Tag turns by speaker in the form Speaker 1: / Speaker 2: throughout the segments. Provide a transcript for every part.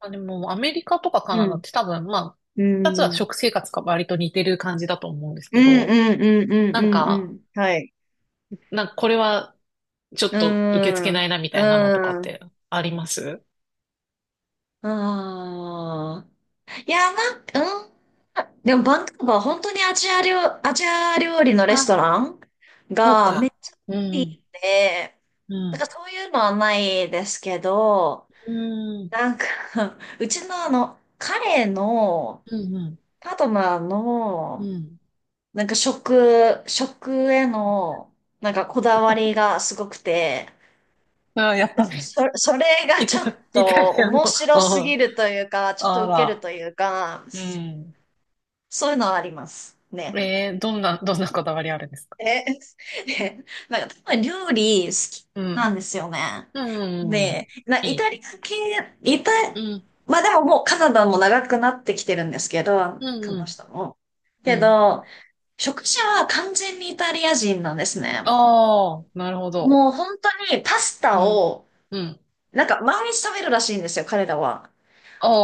Speaker 1: まあ、でも、アメリカとかカ
Speaker 2: う
Speaker 1: ナダっ
Speaker 2: ん。
Speaker 1: て多分、まあ、
Speaker 2: う
Speaker 1: 二
Speaker 2: ん。
Speaker 1: つ
Speaker 2: う
Speaker 1: は
Speaker 2: ん
Speaker 1: 食生活が割と似てる感じだと思うんです
Speaker 2: う
Speaker 1: け
Speaker 2: んう
Speaker 1: ど、
Speaker 2: んうんう
Speaker 1: なん
Speaker 2: んう
Speaker 1: か、
Speaker 2: ん。はい。
Speaker 1: なんかこれはちょっ
Speaker 2: う
Speaker 1: と受け付け
Speaker 2: ん。
Speaker 1: な
Speaker 2: う
Speaker 1: いなみたいなのとかっ
Speaker 2: ん。
Speaker 1: てあります。
Speaker 2: ああ。いや、なんか、うん。でも、バンクーバー、本当にアジア料理のレスト
Speaker 1: あ、
Speaker 2: ラン
Speaker 1: そう
Speaker 2: がめっ
Speaker 1: か。
Speaker 2: ちゃ
Speaker 1: う
Speaker 2: いいん
Speaker 1: ん、
Speaker 2: で、
Speaker 1: う
Speaker 2: なんか
Speaker 1: ん、
Speaker 2: らそういうのはないですけど、
Speaker 1: うん、
Speaker 2: なんか うちのあの、彼の
Speaker 1: うん、うん。
Speaker 2: パートナー
Speaker 1: う
Speaker 2: の
Speaker 1: ん。
Speaker 2: なんか食への、なんかこだわりがすごくて、
Speaker 1: あ、やっぱり。
Speaker 2: それが
Speaker 1: イタ、
Speaker 2: ちょっ
Speaker 1: イタ
Speaker 2: と
Speaker 1: リアの、
Speaker 2: 面白す
Speaker 1: あ
Speaker 2: ぎるというか、ちょっ
Speaker 1: あ、
Speaker 2: と
Speaker 1: あ
Speaker 2: ウケる
Speaker 1: ら。
Speaker 2: というか、
Speaker 1: うん。
Speaker 2: そういうのはありますね。
Speaker 1: どんなこだわりあるんですか。
Speaker 2: え、で、なんか多分料理好き
Speaker 1: うん、
Speaker 2: なんですよね。
Speaker 1: うん、うん
Speaker 2: で、
Speaker 1: うん
Speaker 2: イ
Speaker 1: い
Speaker 2: タ
Speaker 1: い。
Speaker 2: リア系、イタ、
Speaker 1: うん、
Speaker 2: まあでももうカナダも長くなってきてるんですけど、
Speaker 1: う
Speaker 2: こ
Speaker 1: ん、う
Speaker 2: の
Speaker 1: ん。
Speaker 2: 人も。
Speaker 1: う
Speaker 2: け
Speaker 1: ん。
Speaker 2: ど、食事は完全にイタリア人なんですね。
Speaker 1: ああ、なるほど。
Speaker 2: もう本当にパス
Speaker 1: う
Speaker 2: タ
Speaker 1: ん。
Speaker 2: を、
Speaker 1: うん。
Speaker 2: なんか毎日食べるらしいんですよ、彼らは。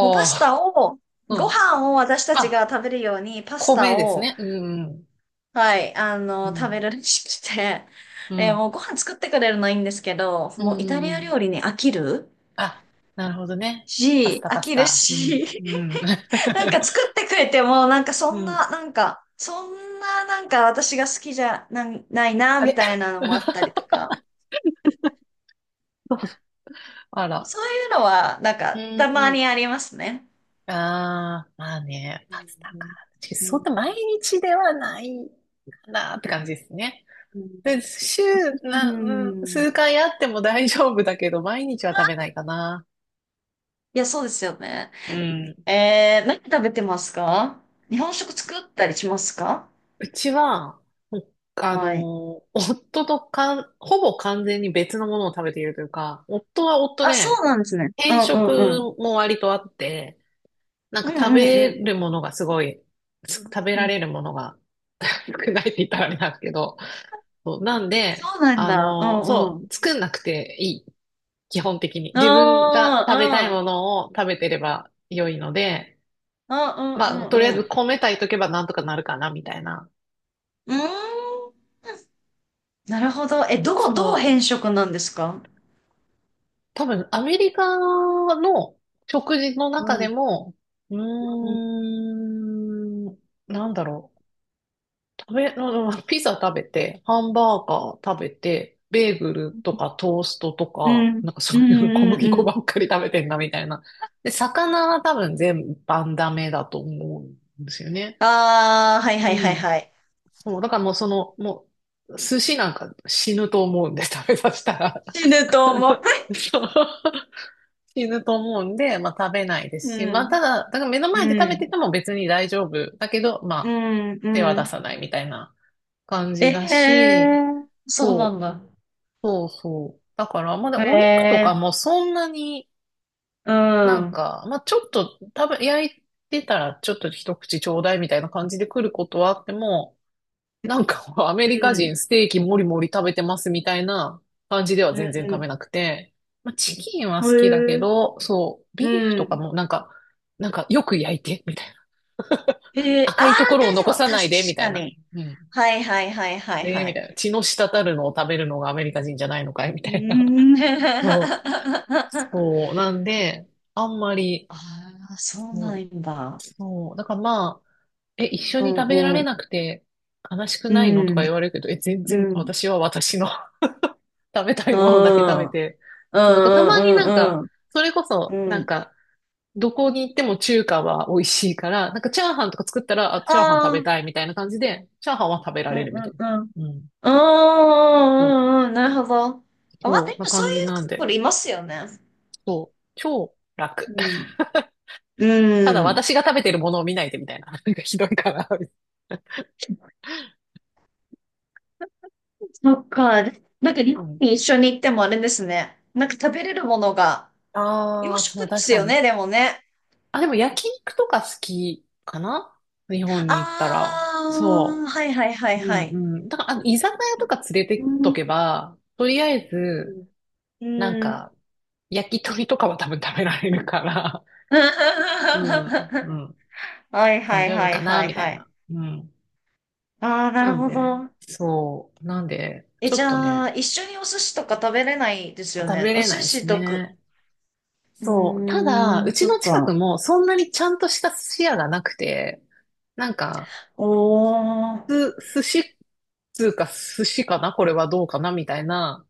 Speaker 2: もうパス
Speaker 1: あ、
Speaker 2: タを、
Speaker 1: う
Speaker 2: ご
Speaker 1: ん。
Speaker 2: 飯を私た
Speaker 1: ま
Speaker 2: ちが
Speaker 1: あ、
Speaker 2: 食べるようにパスタ
Speaker 1: 米です
Speaker 2: を、
Speaker 1: ね。うん。
Speaker 2: はい、あ
Speaker 1: う
Speaker 2: の、食べ
Speaker 1: ん。
Speaker 2: るらしくて、
Speaker 1: う ん。
Speaker 2: もうご飯作ってくれるのいいんですけど、
Speaker 1: うん。
Speaker 2: もうイタ
Speaker 1: うんうんああう
Speaker 2: リ
Speaker 1: んまあ米ですねうんうんうんうん
Speaker 2: ア
Speaker 1: うん。
Speaker 2: 料理に飽きる
Speaker 1: あ、なるほどね。パス
Speaker 2: し、
Speaker 1: タ、
Speaker 2: 飽
Speaker 1: パス
Speaker 2: きる
Speaker 1: タ。うん。
Speaker 2: し、
Speaker 1: うん。
Speaker 2: なん か作ってくれても、なんかそ
Speaker 1: う
Speaker 2: ん
Speaker 1: ん。
Speaker 2: な、なんか、そんな、なんか私が好きじゃな、ないな、
Speaker 1: あ
Speaker 2: み
Speaker 1: れ
Speaker 2: たいなの もあったりとか、
Speaker 1: そうそうあら。
Speaker 2: そういうのは、なんか、
Speaker 1: う
Speaker 2: たま
Speaker 1: ん。
Speaker 2: にありますね。
Speaker 1: ああ、まあね、
Speaker 2: う
Speaker 1: パスタか。
Speaker 2: ん、
Speaker 1: 確かに
Speaker 2: う
Speaker 1: そん
Speaker 2: ん、
Speaker 1: な毎日ではないかなって感じですね。
Speaker 2: うん、
Speaker 1: で、週
Speaker 2: う
Speaker 1: な、うん、
Speaker 2: ん。
Speaker 1: 数回あっても大丈夫だけど、毎日は食べないかな。
Speaker 2: いや、そうですよね。
Speaker 1: うん。
Speaker 2: 何食べてますか？日本食作ったりしますか？
Speaker 1: うちは、ほあ
Speaker 2: はい。
Speaker 1: の、夫とかん、ほぼ完全に別のものを食べているというか、夫は夫
Speaker 2: あ、そう
Speaker 1: で、
Speaker 2: なんですね。う
Speaker 1: 偏
Speaker 2: んうんう
Speaker 1: 食
Speaker 2: ん。
Speaker 1: も割とあって、なん
Speaker 2: う
Speaker 1: か食
Speaker 2: んうんう
Speaker 1: べ
Speaker 2: ん。
Speaker 1: るものがすごい、食べ
Speaker 2: う
Speaker 1: ら
Speaker 2: ん。
Speaker 1: れるものが 少ないって言ったらあれなんですけど、そうなんで、
Speaker 2: そうなん
Speaker 1: あ
Speaker 2: だ。う
Speaker 1: の、
Speaker 2: んう
Speaker 1: そ
Speaker 2: ん。
Speaker 1: う、作んなくていい。基本的に。自分が
Speaker 2: あ
Speaker 1: 食べたい
Speaker 2: あ、う
Speaker 1: ものを食べてれば良いので、
Speaker 2: んうん
Speaker 1: まあ、
Speaker 2: う
Speaker 1: とりあえ
Speaker 2: んう
Speaker 1: ず
Speaker 2: ん。
Speaker 1: 米炊いとけばなんとかなるかな、みたいな。
Speaker 2: うーん。なるほど。え、どこ、どう
Speaker 1: そう。
Speaker 2: 変色なんですか？
Speaker 1: 多分、アメリカの食事の
Speaker 2: う
Speaker 1: 中で
Speaker 2: ん。
Speaker 1: も、うー
Speaker 2: うん。
Speaker 1: ん、なんだろう。うんピザ食べて、ハンバーガー食べて、ベーグルとかトーストと
Speaker 2: う
Speaker 1: か、
Speaker 2: ん
Speaker 1: なんか
Speaker 2: う
Speaker 1: そういうの小
Speaker 2: ん
Speaker 1: 麦
Speaker 2: う
Speaker 1: 粉
Speaker 2: ん。
Speaker 1: ばっかり食べてんな、みたいな。で、魚は多分全般ダメだと思うんですよね。
Speaker 2: ああ、はいはい
Speaker 1: う
Speaker 2: はい
Speaker 1: ん。
Speaker 2: はい。
Speaker 1: そう、だからもうその、もう、寿司なんか死ぬと思うんで、食べさせたら。
Speaker 2: 死ぬと思う。
Speaker 1: そう。死ぬと思うんで、まあ食べないで すし、
Speaker 2: う
Speaker 1: まあた
Speaker 2: ん。
Speaker 1: だ、だから目の前で
Speaker 2: う
Speaker 1: 食べ
Speaker 2: ん、
Speaker 1: てても別に大丈夫。だけど、ま
Speaker 2: う
Speaker 1: あ
Speaker 2: ん、
Speaker 1: 手は
Speaker 2: う
Speaker 1: 出
Speaker 2: ん。
Speaker 1: さないみたいな感
Speaker 2: え
Speaker 1: じだし、
Speaker 2: えー、そうなん
Speaker 1: そう、
Speaker 2: だ。
Speaker 1: そうそう。だから、まだお肉と
Speaker 2: え
Speaker 1: か
Speaker 2: え
Speaker 1: もそんなに
Speaker 2: ー、う
Speaker 1: な
Speaker 2: ん、う
Speaker 1: ん
Speaker 2: ん、
Speaker 1: か、まあちょっと焼いてたらちょっと一口ちょうだいみたいな感じで来ることはあっても、なんか、アメリカ人ステーキもりもり食べてますみたいな感じでは
Speaker 2: うん、
Speaker 1: 全然
Speaker 2: う
Speaker 1: 食
Speaker 2: ん。
Speaker 1: べなくて、まあ、チキンは
Speaker 2: へ
Speaker 1: 好きだけ
Speaker 2: え、
Speaker 1: ど、そう、ビーフ
Speaker 2: う
Speaker 1: とか
Speaker 2: ん。
Speaker 1: もなんか、なんかよく焼いて、みたいな。
Speaker 2: へえ、あ
Speaker 1: 赤いとこ
Speaker 2: あ、
Speaker 1: ろを
Speaker 2: 大丈
Speaker 1: 残
Speaker 2: 夫。
Speaker 1: さ
Speaker 2: 確
Speaker 1: ないで、みた
Speaker 2: か
Speaker 1: いな。
Speaker 2: に。
Speaker 1: うん。
Speaker 2: はいはいはいはい
Speaker 1: ええ
Speaker 2: は
Speaker 1: みた
Speaker 2: い。
Speaker 1: いな。血の滴るのを食べるのがアメリカ人じゃないのかいみ
Speaker 2: うー
Speaker 1: たいな。
Speaker 2: ん。
Speaker 1: そう。そう。なんで、あんまり、
Speaker 2: ああ、そう
Speaker 1: そ
Speaker 2: な
Speaker 1: う、
Speaker 2: んだ。
Speaker 1: そうだからまあ、え、一緒
Speaker 2: う
Speaker 1: に食べら
Speaker 2: ん、う
Speaker 1: れ
Speaker 2: ん、
Speaker 1: なくて悲しく
Speaker 2: う
Speaker 1: ないのと
Speaker 2: ん、
Speaker 1: か言われるけど、え、全
Speaker 2: う
Speaker 1: 然
Speaker 2: ん、
Speaker 1: 私は私の食べたい
Speaker 2: う
Speaker 1: ものだけ食
Speaker 2: ん、
Speaker 1: べ
Speaker 2: うん、
Speaker 1: て。そう、だからたま
Speaker 2: うん、
Speaker 1: にな
Speaker 2: う
Speaker 1: ん
Speaker 2: ん
Speaker 1: か、
Speaker 2: うん、
Speaker 1: それこ
Speaker 2: う
Speaker 1: そ、なん
Speaker 2: ん。
Speaker 1: か、どこに行っても中華は美味しいから、なんかチャーハンとか作ったら、あ、
Speaker 2: あ
Speaker 1: チャーハン食べ
Speaker 2: あ、
Speaker 1: たいみたいな感じで、チャーハンは食べら
Speaker 2: うん、
Speaker 1: れる
Speaker 2: う
Speaker 1: みた
Speaker 2: ん、
Speaker 1: い
Speaker 2: うん。
Speaker 1: な。うん。
Speaker 2: うーん、
Speaker 1: そう、
Speaker 2: うん、うん、なるほど。あ、まあ、で
Speaker 1: そう、
Speaker 2: も
Speaker 1: な
Speaker 2: そう
Speaker 1: 感じ
Speaker 2: いう
Speaker 1: な
Speaker 2: カ
Speaker 1: ん
Speaker 2: ップ
Speaker 1: で、
Speaker 2: ルいますよね。
Speaker 1: そう、超楽。
Speaker 2: う ん。
Speaker 1: た
Speaker 2: う
Speaker 1: だ
Speaker 2: ん。
Speaker 1: 私が食べてるものを見ないでみたいな。なんかひどいかな。
Speaker 2: そっか。でなんか日
Speaker 1: う
Speaker 2: 本
Speaker 1: ん。
Speaker 2: に一緒に行ってもあれですね。なんか食べれるものが洋
Speaker 1: ああ、そ
Speaker 2: 食
Speaker 1: う、
Speaker 2: で
Speaker 1: 確
Speaker 2: す
Speaker 1: か
Speaker 2: よ
Speaker 1: に。
Speaker 2: ね、でもね。
Speaker 1: あ、でも焼肉とか好きかな、日本
Speaker 2: あ
Speaker 1: に行ったら。そ
Speaker 2: あ、はいはいは
Speaker 1: う。
Speaker 2: い
Speaker 1: う
Speaker 2: はい。
Speaker 1: んうん。だから、あの、居酒屋とか連れて
Speaker 2: う
Speaker 1: っと
Speaker 2: ん。
Speaker 1: けば、とりあえず、
Speaker 2: う
Speaker 1: なん
Speaker 2: ん。
Speaker 1: か、焼き鳥とかは多分食べられるから、うん、う
Speaker 2: は
Speaker 1: ん、
Speaker 2: い
Speaker 1: 大
Speaker 2: はい
Speaker 1: 丈夫
Speaker 2: はい
Speaker 1: か
Speaker 2: は
Speaker 1: な、
Speaker 2: い
Speaker 1: みた
Speaker 2: は
Speaker 1: い
Speaker 2: い。
Speaker 1: な。うん。
Speaker 2: ああ、な
Speaker 1: な
Speaker 2: る
Speaker 1: ん
Speaker 2: ほ
Speaker 1: で、
Speaker 2: ど。
Speaker 1: そう。なんで、ちょ
Speaker 2: じ
Speaker 1: っと
Speaker 2: ゃあ、
Speaker 1: ね、
Speaker 2: 一緒にお寿司とか食べれないですよ
Speaker 1: 食
Speaker 2: ね。
Speaker 1: べ
Speaker 2: お
Speaker 1: れ
Speaker 2: 寿
Speaker 1: ないです
Speaker 2: 司とか。
Speaker 1: ね。
Speaker 2: う
Speaker 1: そう。
Speaker 2: ー
Speaker 1: ただ、
Speaker 2: ん、
Speaker 1: うち
Speaker 2: そっ
Speaker 1: の近く
Speaker 2: か。
Speaker 1: もそんなにちゃんとした寿司屋がなくて、なんか、
Speaker 2: おー。
Speaker 1: 寿司、つうか寿司かなこれはどうかなみたいな。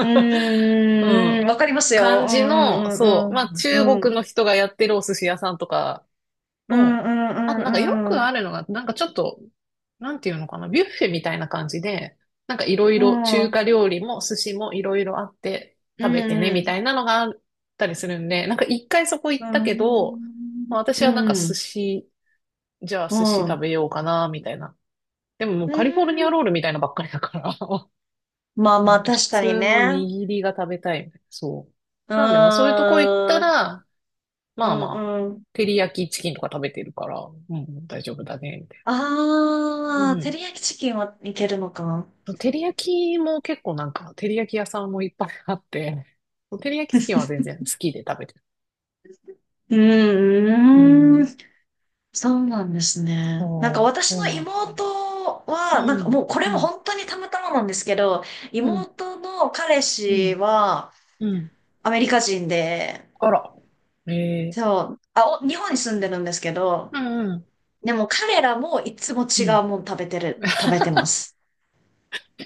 Speaker 2: う
Speaker 1: う
Speaker 2: ーん、
Speaker 1: ん。
Speaker 2: わかりますよ。
Speaker 1: 感
Speaker 2: う
Speaker 1: じの、
Speaker 2: んう
Speaker 1: そう、
Speaker 2: ん
Speaker 1: まあ
Speaker 2: うんう
Speaker 1: 中
Speaker 2: ん。う
Speaker 1: 国
Speaker 2: ん。
Speaker 1: の人がやってるお寿司屋さんとか
Speaker 2: うん
Speaker 1: の、あ
Speaker 2: う
Speaker 1: と
Speaker 2: んう
Speaker 1: なんかよ
Speaker 2: んう
Speaker 1: くあ
Speaker 2: ん。
Speaker 1: るのが、なんかちょっと、なんていうのかな、ビュッフェみたいな感じで、なんかいろい
Speaker 2: う
Speaker 1: ろ中
Speaker 2: ん。
Speaker 1: 華料理も寿司もいろいろあって
Speaker 2: う
Speaker 1: 食べてねみ
Speaker 2: ん。
Speaker 1: たいなのがあったりするんで、なんか一回そこ
Speaker 2: う
Speaker 1: 行ったけど、
Speaker 2: ん。
Speaker 1: まあ私はなんか
Speaker 2: う
Speaker 1: 寿
Speaker 2: ん。
Speaker 1: 司、じゃあ
Speaker 2: う
Speaker 1: 寿司食
Speaker 2: ん。
Speaker 1: べようかな、みたいな。でもも
Speaker 2: う
Speaker 1: うカリフォルニ
Speaker 2: ん。
Speaker 1: アロールみたいなばっかりだから、
Speaker 2: まあ
Speaker 1: ほ
Speaker 2: まあ、
Speaker 1: んと普
Speaker 2: 確かに
Speaker 1: 通の
Speaker 2: ね。
Speaker 1: 握りが食べたいみたいな。そう。
Speaker 2: う
Speaker 1: なんで、まあそういうとこ行った
Speaker 2: ーん。
Speaker 1: ら、
Speaker 2: う
Speaker 1: まあ
Speaker 2: ん
Speaker 1: まあ、
Speaker 2: うん。
Speaker 1: 照り焼きチキンとか食べてるから、うん、大丈夫だね、みたいな。う
Speaker 2: ああ、照
Speaker 1: ん。
Speaker 2: り焼きチキンはいけるのか。
Speaker 1: 照り焼きも結構なんか、照り焼き屋さんもいっぱいあって、照り焼きチキンは全然好きで食べてる。
Speaker 2: う
Speaker 1: う
Speaker 2: ー
Speaker 1: ん。
Speaker 2: ん。そうなんですね。なんか
Speaker 1: そう、
Speaker 2: 私
Speaker 1: そう
Speaker 2: の
Speaker 1: なんですよ。
Speaker 2: 妹
Speaker 1: う
Speaker 2: は、なんか
Speaker 1: ん、
Speaker 2: もうこれ
Speaker 1: う
Speaker 2: も
Speaker 1: ん、
Speaker 2: 本当にたまたまなんですけど、
Speaker 1: うん、
Speaker 2: 妹の彼
Speaker 1: う
Speaker 2: 氏
Speaker 1: ん、
Speaker 2: は
Speaker 1: うん。
Speaker 2: アメリカ人で、
Speaker 1: あら。ええ
Speaker 2: そう、日本に住んでるんですけど、
Speaker 1: うんうん、
Speaker 2: でも彼らもいつも
Speaker 1: う
Speaker 2: 違
Speaker 1: ん。
Speaker 2: うもん食べ てます。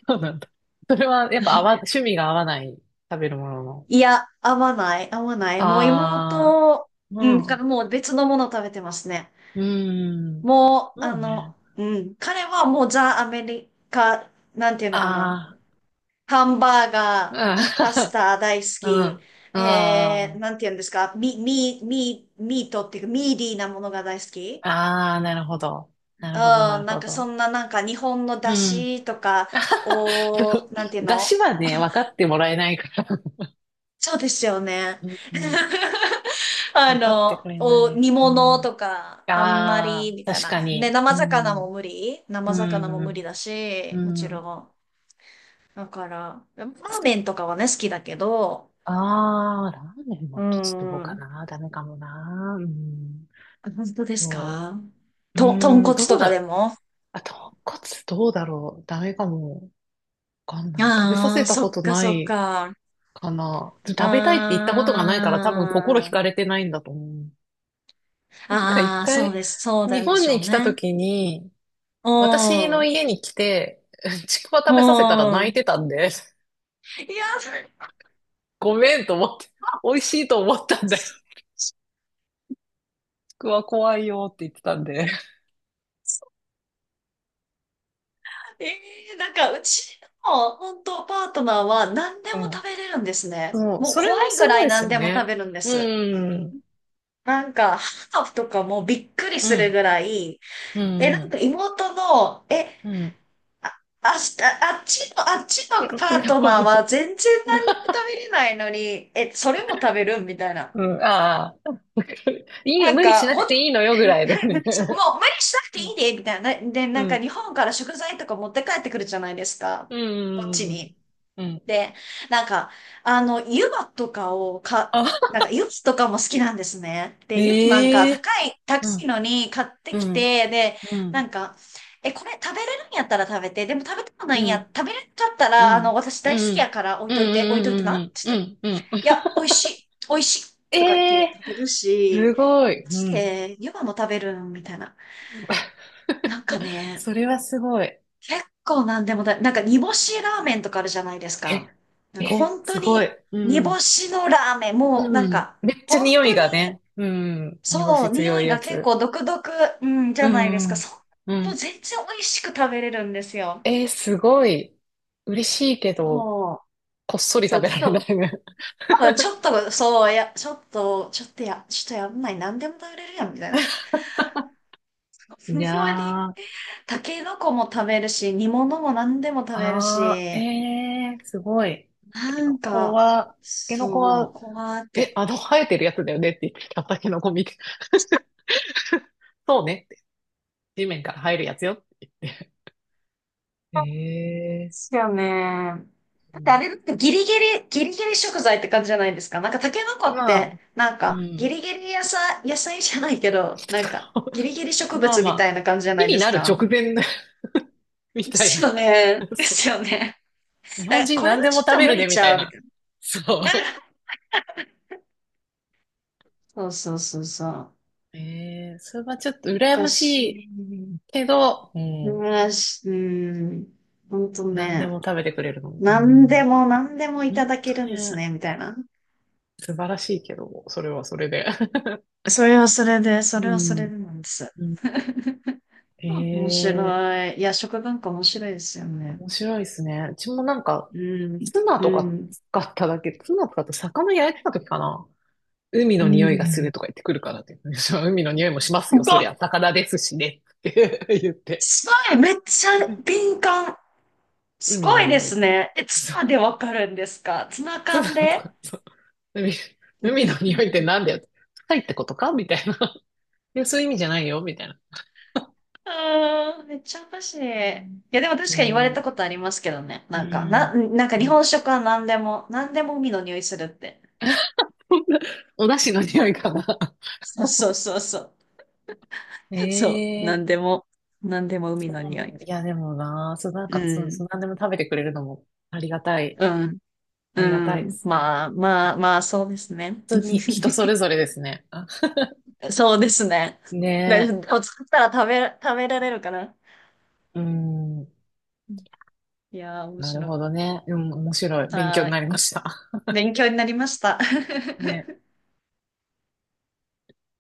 Speaker 1: そうなんだ。それはやっぱ趣味が合わない、食べるものの。
Speaker 2: いや、合わない、合わない。もう
Speaker 1: ああ、
Speaker 2: 妹、
Speaker 1: う
Speaker 2: うん、
Speaker 1: ん、
Speaker 2: から
Speaker 1: う
Speaker 2: もう別のもの食べてますね。
Speaker 1: ーん。
Speaker 2: もう、
Speaker 1: ま
Speaker 2: あ
Speaker 1: あね。
Speaker 2: の、うん、彼はもうザ・アメリカ、なんていうのかな。
Speaker 1: あ
Speaker 2: ハンバーガ
Speaker 1: あ、
Speaker 2: ー、パスタ大好
Speaker 1: うん、
Speaker 2: き。
Speaker 1: うん。あ
Speaker 2: なんて言うんですか、ミートっていうか、ミーディーなものが大好き。
Speaker 1: あ、ああ、なるほど。
Speaker 2: うん、
Speaker 1: なるほど、なる
Speaker 2: な
Speaker 1: ほ
Speaker 2: んかそ
Speaker 1: ど。
Speaker 2: んななんか日本の
Speaker 1: う
Speaker 2: 出
Speaker 1: ん。
Speaker 2: 汁とかを、なんていう
Speaker 1: 出
Speaker 2: の？
Speaker 1: 汁はね、分かってもらえないから。
Speaker 2: そうですよね。
Speaker 1: うん、うん。
Speaker 2: あ
Speaker 1: 分かって
Speaker 2: の、
Speaker 1: くれない。
Speaker 2: 煮
Speaker 1: う
Speaker 2: 物
Speaker 1: ん。
Speaker 2: とか、あんま
Speaker 1: あ
Speaker 2: り、み
Speaker 1: あ、
Speaker 2: たい
Speaker 1: 確
Speaker 2: な。
Speaker 1: か
Speaker 2: ね、
Speaker 1: に。う
Speaker 2: 生魚も
Speaker 1: ん、
Speaker 2: 無理
Speaker 1: う
Speaker 2: 生魚も無理
Speaker 1: ん、
Speaker 2: だ
Speaker 1: う
Speaker 2: し、もちろ
Speaker 1: ん。
Speaker 2: ん。だから、ラーメンとかはね、好きだけど、
Speaker 1: ああ、ラーメン
Speaker 2: う
Speaker 1: もどうか
Speaker 2: ん。
Speaker 1: な。ダメかもな。うん。
Speaker 2: 本当です
Speaker 1: そ
Speaker 2: か？
Speaker 1: う。う
Speaker 2: 豚
Speaker 1: ん、
Speaker 2: 骨
Speaker 1: ど
Speaker 2: と
Speaker 1: う
Speaker 2: かで
Speaker 1: だ。
Speaker 2: も？
Speaker 1: あ、豚カツどうだろう。ダメかも。わかんない。食べさ
Speaker 2: あ
Speaker 1: せ
Speaker 2: あ、
Speaker 1: た
Speaker 2: そ
Speaker 1: こ
Speaker 2: っ
Speaker 1: と
Speaker 2: か
Speaker 1: な
Speaker 2: そっ
Speaker 1: い
Speaker 2: か。う
Speaker 1: かな。
Speaker 2: ーん。
Speaker 1: 食べたいって言ったことがないから多分心惹
Speaker 2: あ
Speaker 1: かれてないんだと思う。なんか一
Speaker 2: あ、そう
Speaker 1: 回、
Speaker 2: です。そうな
Speaker 1: 日
Speaker 2: んで
Speaker 1: 本
Speaker 2: しょ
Speaker 1: に
Speaker 2: う
Speaker 1: 来た
Speaker 2: ね。
Speaker 1: 時に、
Speaker 2: う
Speaker 1: 私
Speaker 2: ん。う
Speaker 1: の
Speaker 2: ん。
Speaker 1: 家に来て、ちくわ食べさせたら泣いてたんで、
Speaker 2: いや、
Speaker 1: ごめんと思って、美味しいと思ったんだよ。ちくわ怖いよって言ってたんで。
Speaker 2: ええ、なんかうちの本当パートナーは何で
Speaker 1: う
Speaker 2: も
Speaker 1: ん。
Speaker 2: 食べれるんですね。
Speaker 1: そう、
Speaker 2: もう
Speaker 1: それ
Speaker 2: 怖
Speaker 1: も
Speaker 2: い
Speaker 1: す
Speaker 2: ぐら
Speaker 1: ごい
Speaker 2: い
Speaker 1: です
Speaker 2: 何
Speaker 1: よ
Speaker 2: でも食
Speaker 1: ね。
Speaker 2: べるんです。
Speaker 1: うん。
Speaker 2: なんか、ハーフとかもびっくり
Speaker 1: う
Speaker 2: するぐ
Speaker 1: ん。
Speaker 2: らい、
Speaker 1: う
Speaker 2: なんか
Speaker 1: ん。
Speaker 2: 妹の、え、
Speaker 1: うん。
Speaker 2: あ、あ、あっちの、あっち
Speaker 1: う
Speaker 2: の
Speaker 1: ん。うん
Speaker 2: パートナーは 全然何にも食べれないのに、それも食べるみたいな。
Speaker 1: うん、ああ。わかるいい、
Speaker 2: なん
Speaker 1: 無理し
Speaker 2: か、
Speaker 1: な
Speaker 2: ほ
Speaker 1: く
Speaker 2: んと、
Speaker 1: ていいのよぐらいの ね。
Speaker 2: もう無理しなくて
Speaker 1: う
Speaker 2: い
Speaker 1: ん、
Speaker 2: いで、みたいな。で、
Speaker 1: う
Speaker 2: なんか
Speaker 1: ん、
Speaker 2: 日本から食材とか持って帰ってくるじゃないですか。
Speaker 1: う
Speaker 2: こっち
Speaker 1: ん、う
Speaker 2: に。
Speaker 1: ん、うん。うん。
Speaker 2: で、なんか、あの、湯葉とかをか、
Speaker 1: あ、
Speaker 2: なんか湯葉とかも好きなんですね。で、湯葉なんか
Speaker 1: ええ
Speaker 2: 高い、高
Speaker 1: う
Speaker 2: い
Speaker 1: ん、
Speaker 2: のに買って
Speaker 1: う
Speaker 2: き
Speaker 1: ん、
Speaker 2: て、で、
Speaker 1: う
Speaker 2: な
Speaker 1: ん、
Speaker 2: んか、これ食べれるんやったら食べて、でも食べてもない
Speaker 1: う
Speaker 2: んや、
Speaker 1: ん、
Speaker 2: 食べれんかった
Speaker 1: う
Speaker 2: ら、あの、
Speaker 1: ん、
Speaker 2: 私
Speaker 1: う
Speaker 2: 大
Speaker 1: ん、
Speaker 2: 好
Speaker 1: う
Speaker 2: き
Speaker 1: ん、
Speaker 2: やから置い
Speaker 1: うん、
Speaker 2: といて、置いといてな、っ
Speaker 1: うん、
Speaker 2: つっ
Speaker 1: う
Speaker 2: て。
Speaker 1: ん、うん。
Speaker 2: いや、美味しい、美味しい、とか言っ
Speaker 1: え
Speaker 2: て
Speaker 1: え
Speaker 2: 食べるし、
Speaker 1: すご
Speaker 2: マ
Speaker 1: い。う
Speaker 2: ジ
Speaker 1: ん。
Speaker 2: で湯葉も食べるみたいな。なんかね、
Speaker 1: それはすごい。
Speaker 2: 結構なんでもだ、なんか煮干しラーメンとかあるじゃないです
Speaker 1: え、
Speaker 2: か。なんか
Speaker 1: え、
Speaker 2: 本当
Speaker 1: すご
Speaker 2: に
Speaker 1: い。
Speaker 2: 煮
Speaker 1: う
Speaker 2: 干
Speaker 1: ん、
Speaker 2: しのラーメン、もうな
Speaker 1: う
Speaker 2: ん
Speaker 1: ん。
Speaker 2: か
Speaker 1: めっちゃ
Speaker 2: 本
Speaker 1: 匂い
Speaker 2: 当に
Speaker 1: がね。うん。煮干
Speaker 2: そ
Speaker 1: し
Speaker 2: う、匂
Speaker 1: 強い
Speaker 2: い
Speaker 1: や
Speaker 2: が結
Speaker 1: つ。
Speaker 2: 構独特、うん、じ
Speaker 1: う
Speaker 2: ゃないですか。
Speaker 1: ん、
Speaker 2: そ
Speaker 1: う
Speaker 2: う、もう
Speaker 1: ん、
Speaker 2: 全然美味しく食べれるんですよ。
Speaker 1: すごい。嬉しいけど、
Speaker 2: もう、
Speaker 1: こっそり
Speaker 2: そ
Speaker 1: 食
Speaker 2: う、
Speaker 1: べら
Speaker 2: ち
Speaker 1: れ
Speaker 2: ょっ
Speaker 1: な
Speaker 2: と、
Speaker 1: いね。
Speaker 2: 多分ちょっと、そう、いや、ちょっとやんない、何でも食べれるやん、みたいな。ふ
Speaker 1: い
Speaker 2: んわり、
Speaker 1: やー、
Speaker 2: タケノコも食べるし、煮物も何でも食べる
Speaker 1: あー、
Speaker 2: し、
Speaker 1: すごい。タケ
Speaker 2: なん
Speaker 1: ノコ
Speaker 2: か、
Speaker 1: は、タケノコ
Speaker 2: そ
Speaker 1: は、
Speaker 2: う、こうやっ
Speaker 1: え、
Speaker 2: て。
Speaker 1: あの生えてるやつだよねって言ってた、タケノコ見て。そうねって。地面から生えるやつよって言って。
Speaker 2: で
Speaker 1: え
Speaker 2: すよね。だってあ
Speaker 1: う
Speaker 2: れだってギリギリ、ギリギリ食材って感じじゃないですか。なんかタケノコ
Speaker 1: ん、
Speaker 2: っ
Speaker 1: ま
Speaker 2: て、
Speaker 1: あ、
Speaker 2: なん
Speaker 1: う
Speaker 2: かギ
Speaker 1: ん。
Speaker 2: リギリ野菜、野菜じゃないけど、なんか ギリギリ植
Speaker 1: まあ
Speaker 2: 物
Speaker 1: ま
Speaker 2: みた
Speaker 1: あ、
Speaker 2: いな感じじゃな
Speaker 1: 木
Speaker 2: い
Speaker 1: に
Speaker 2: です
Speaker 1: なる直
Speaker 2: か。
Speaker 1: 前 み
Speaker 2: で
Speaker 1: たい
Speaker 2: す
Speaker 1: な。
Speaker 2: よね。で
Speaker 1: そう。
Speaker 2: すよね。
Speaker 1: 日
Speaker 2: だか
Speaker 1: 本
Speaker 2: ら
Speaker 1: 人
Speaker 2: これ
Speaker 1: 何
Speaker 2: は
Speaker 1: でも
Speaker 2: ち
Speaker 1: 食
Speaker 2: ょっと
Speaker 1: べ
Speaker 2: 無
Speaker 1: る
Speaker 2: 理
Speaker 1: ねみ
Speaker 2: ち
Speaker 1: たい
Speaker 2: ゃうみ
Speaker 1: な。
Speaker 2: たい
Speaker 1: そう。
Speaker 2: な。そうそうそうそう。
Speaker 1: ええそれはちょっと
Speaker 2: お
Speaker 1: 羨
Speaker 2: か
Speaker 1: まし
Speaker 2: し
Speaker 1: い
Speaker 2: い。
Speaker 1: けど、うん、
Speaker 2: うん、うん、ほんと
Speaker 1: 何で
Speaker 2: ね。
Speaker 1: も食べてくれるの。う
Speaker 2: 何で
Speaker 1: ん、
Speaker 2: も何でもいた
Speaker 1: 本
Speaker 2: だけ
Speaker 1: 当
Speaker 2: るん
Speaker 1: に
Speaker 2: です
Speaker 1: ね、
Speaker 2: ね、みたいな。
Speaker 1: 素晴らしいけど、それはそれで。
Speaker 2: それはそれで、それ
Speaker 1: う
Speaker 2: はそれ
Speaker 1: ん、
Speaker 2: でなんです。
Speaker 1: うん、
Speaker 2: 面
Speaker 1: ええ
Speaker 2: 白い。いや、食文化面白いですよね。
Speaker 1: 面白いですね。うちもなんか、
Speaker 2: うん、うん、
Speaker 1: ツナ使って魚焼いてた時かな。海
Speaker 2: う
Speaker 1: の匂いがする
Speaker 2: ん。
Speaker 1: とか言ってくるからって言って。海の匂いもし
Speaker 2: す
Speaker 1: ますよ、そ
Speaker 2: ご
Speaker 1: り
Speaker 2: い、
Speaker 1: ゃ。魚ですしね。って 言って。
Speaker 2: すごい、めっちゃ敏感。す
Speaker 1: 海
Speaker 2: ご
Speaker 1: の
Speaker 2: いで
Speaker 1: 匂い。
Speaker 2: すね。ツ
Speaker 1: そ
Speaker 2: ナで
Speaker 1: う。
Speaker 2: わかるんですか？ツナ
Speaker 1: ツナ
Speaker 2: 缶
Speaker 1: と
Speaker 2: で？
Speaker 1: か。そう海、海の匂いってなんだよ。臭いってことかみたいな。いや、そういう意味じゃないよ、みたいな。
Speaker 2: あー めっちゃおかしい。いや、でも確
Speaker 1: いや
Speaker 2: かに言われた
Speaker 1: ー、
Speaker 2: ことありますけどね。
Speaker 1: う
Speaker 2: なんか、
Speaker 1: ん。
Speaker 2: なんか
Speaker 1: う
Speaker 2: 日
Speaker 1: ん、
Speaker 2: 本食は何でも、何でも海の匂いするって。
Speaker 1: お出汁の匂いかな。
Speaker 2: そうそうそうそう。そう、な
Speaker 1: え
Speaker 2: んで
Speaker 1: え
Speaker 2: も、なんでも海
Speaker 1: そ
Speaker 2: の
Speaker 1: うな
Speaker 2: 匂い。
Speaker 1: んだ。いや、でもな、そう、なん
Speaker 2: う
Speaker 1: か、そう、
Speaker 2: ん、
Speaker 1: そう、何でも食べてくれるのもありがたい、
Speaker 2: うん、
Speaker 1: あ
Speaker 2: う
Speaker 1: りがたいで
Speaker 2: ん。
Speaker 1: すね。
Speaker 2: まあ、ま
Speaker 1: 本
Speaker 2: あ、まあ、そうですね。
Speaker 1: 当に人それ ぞれですね。あ
Speaker 2: そうですね。で、
Speaker 1: ね
Speaker 2: お作ったら食べられるかな。
Speaker 1: え、うん、
Speaker 2: いやー、面
Speaker 1: なる
Speaker 2: 白い。
Speaker 1: ほどね。うん、面白い。勉強
Speaker 2: は
Speaker 1: に
Speaker 2: い。
Speaker 1: なりました。
Speaker 2: 勉強になりました。
Speaker 1: ね。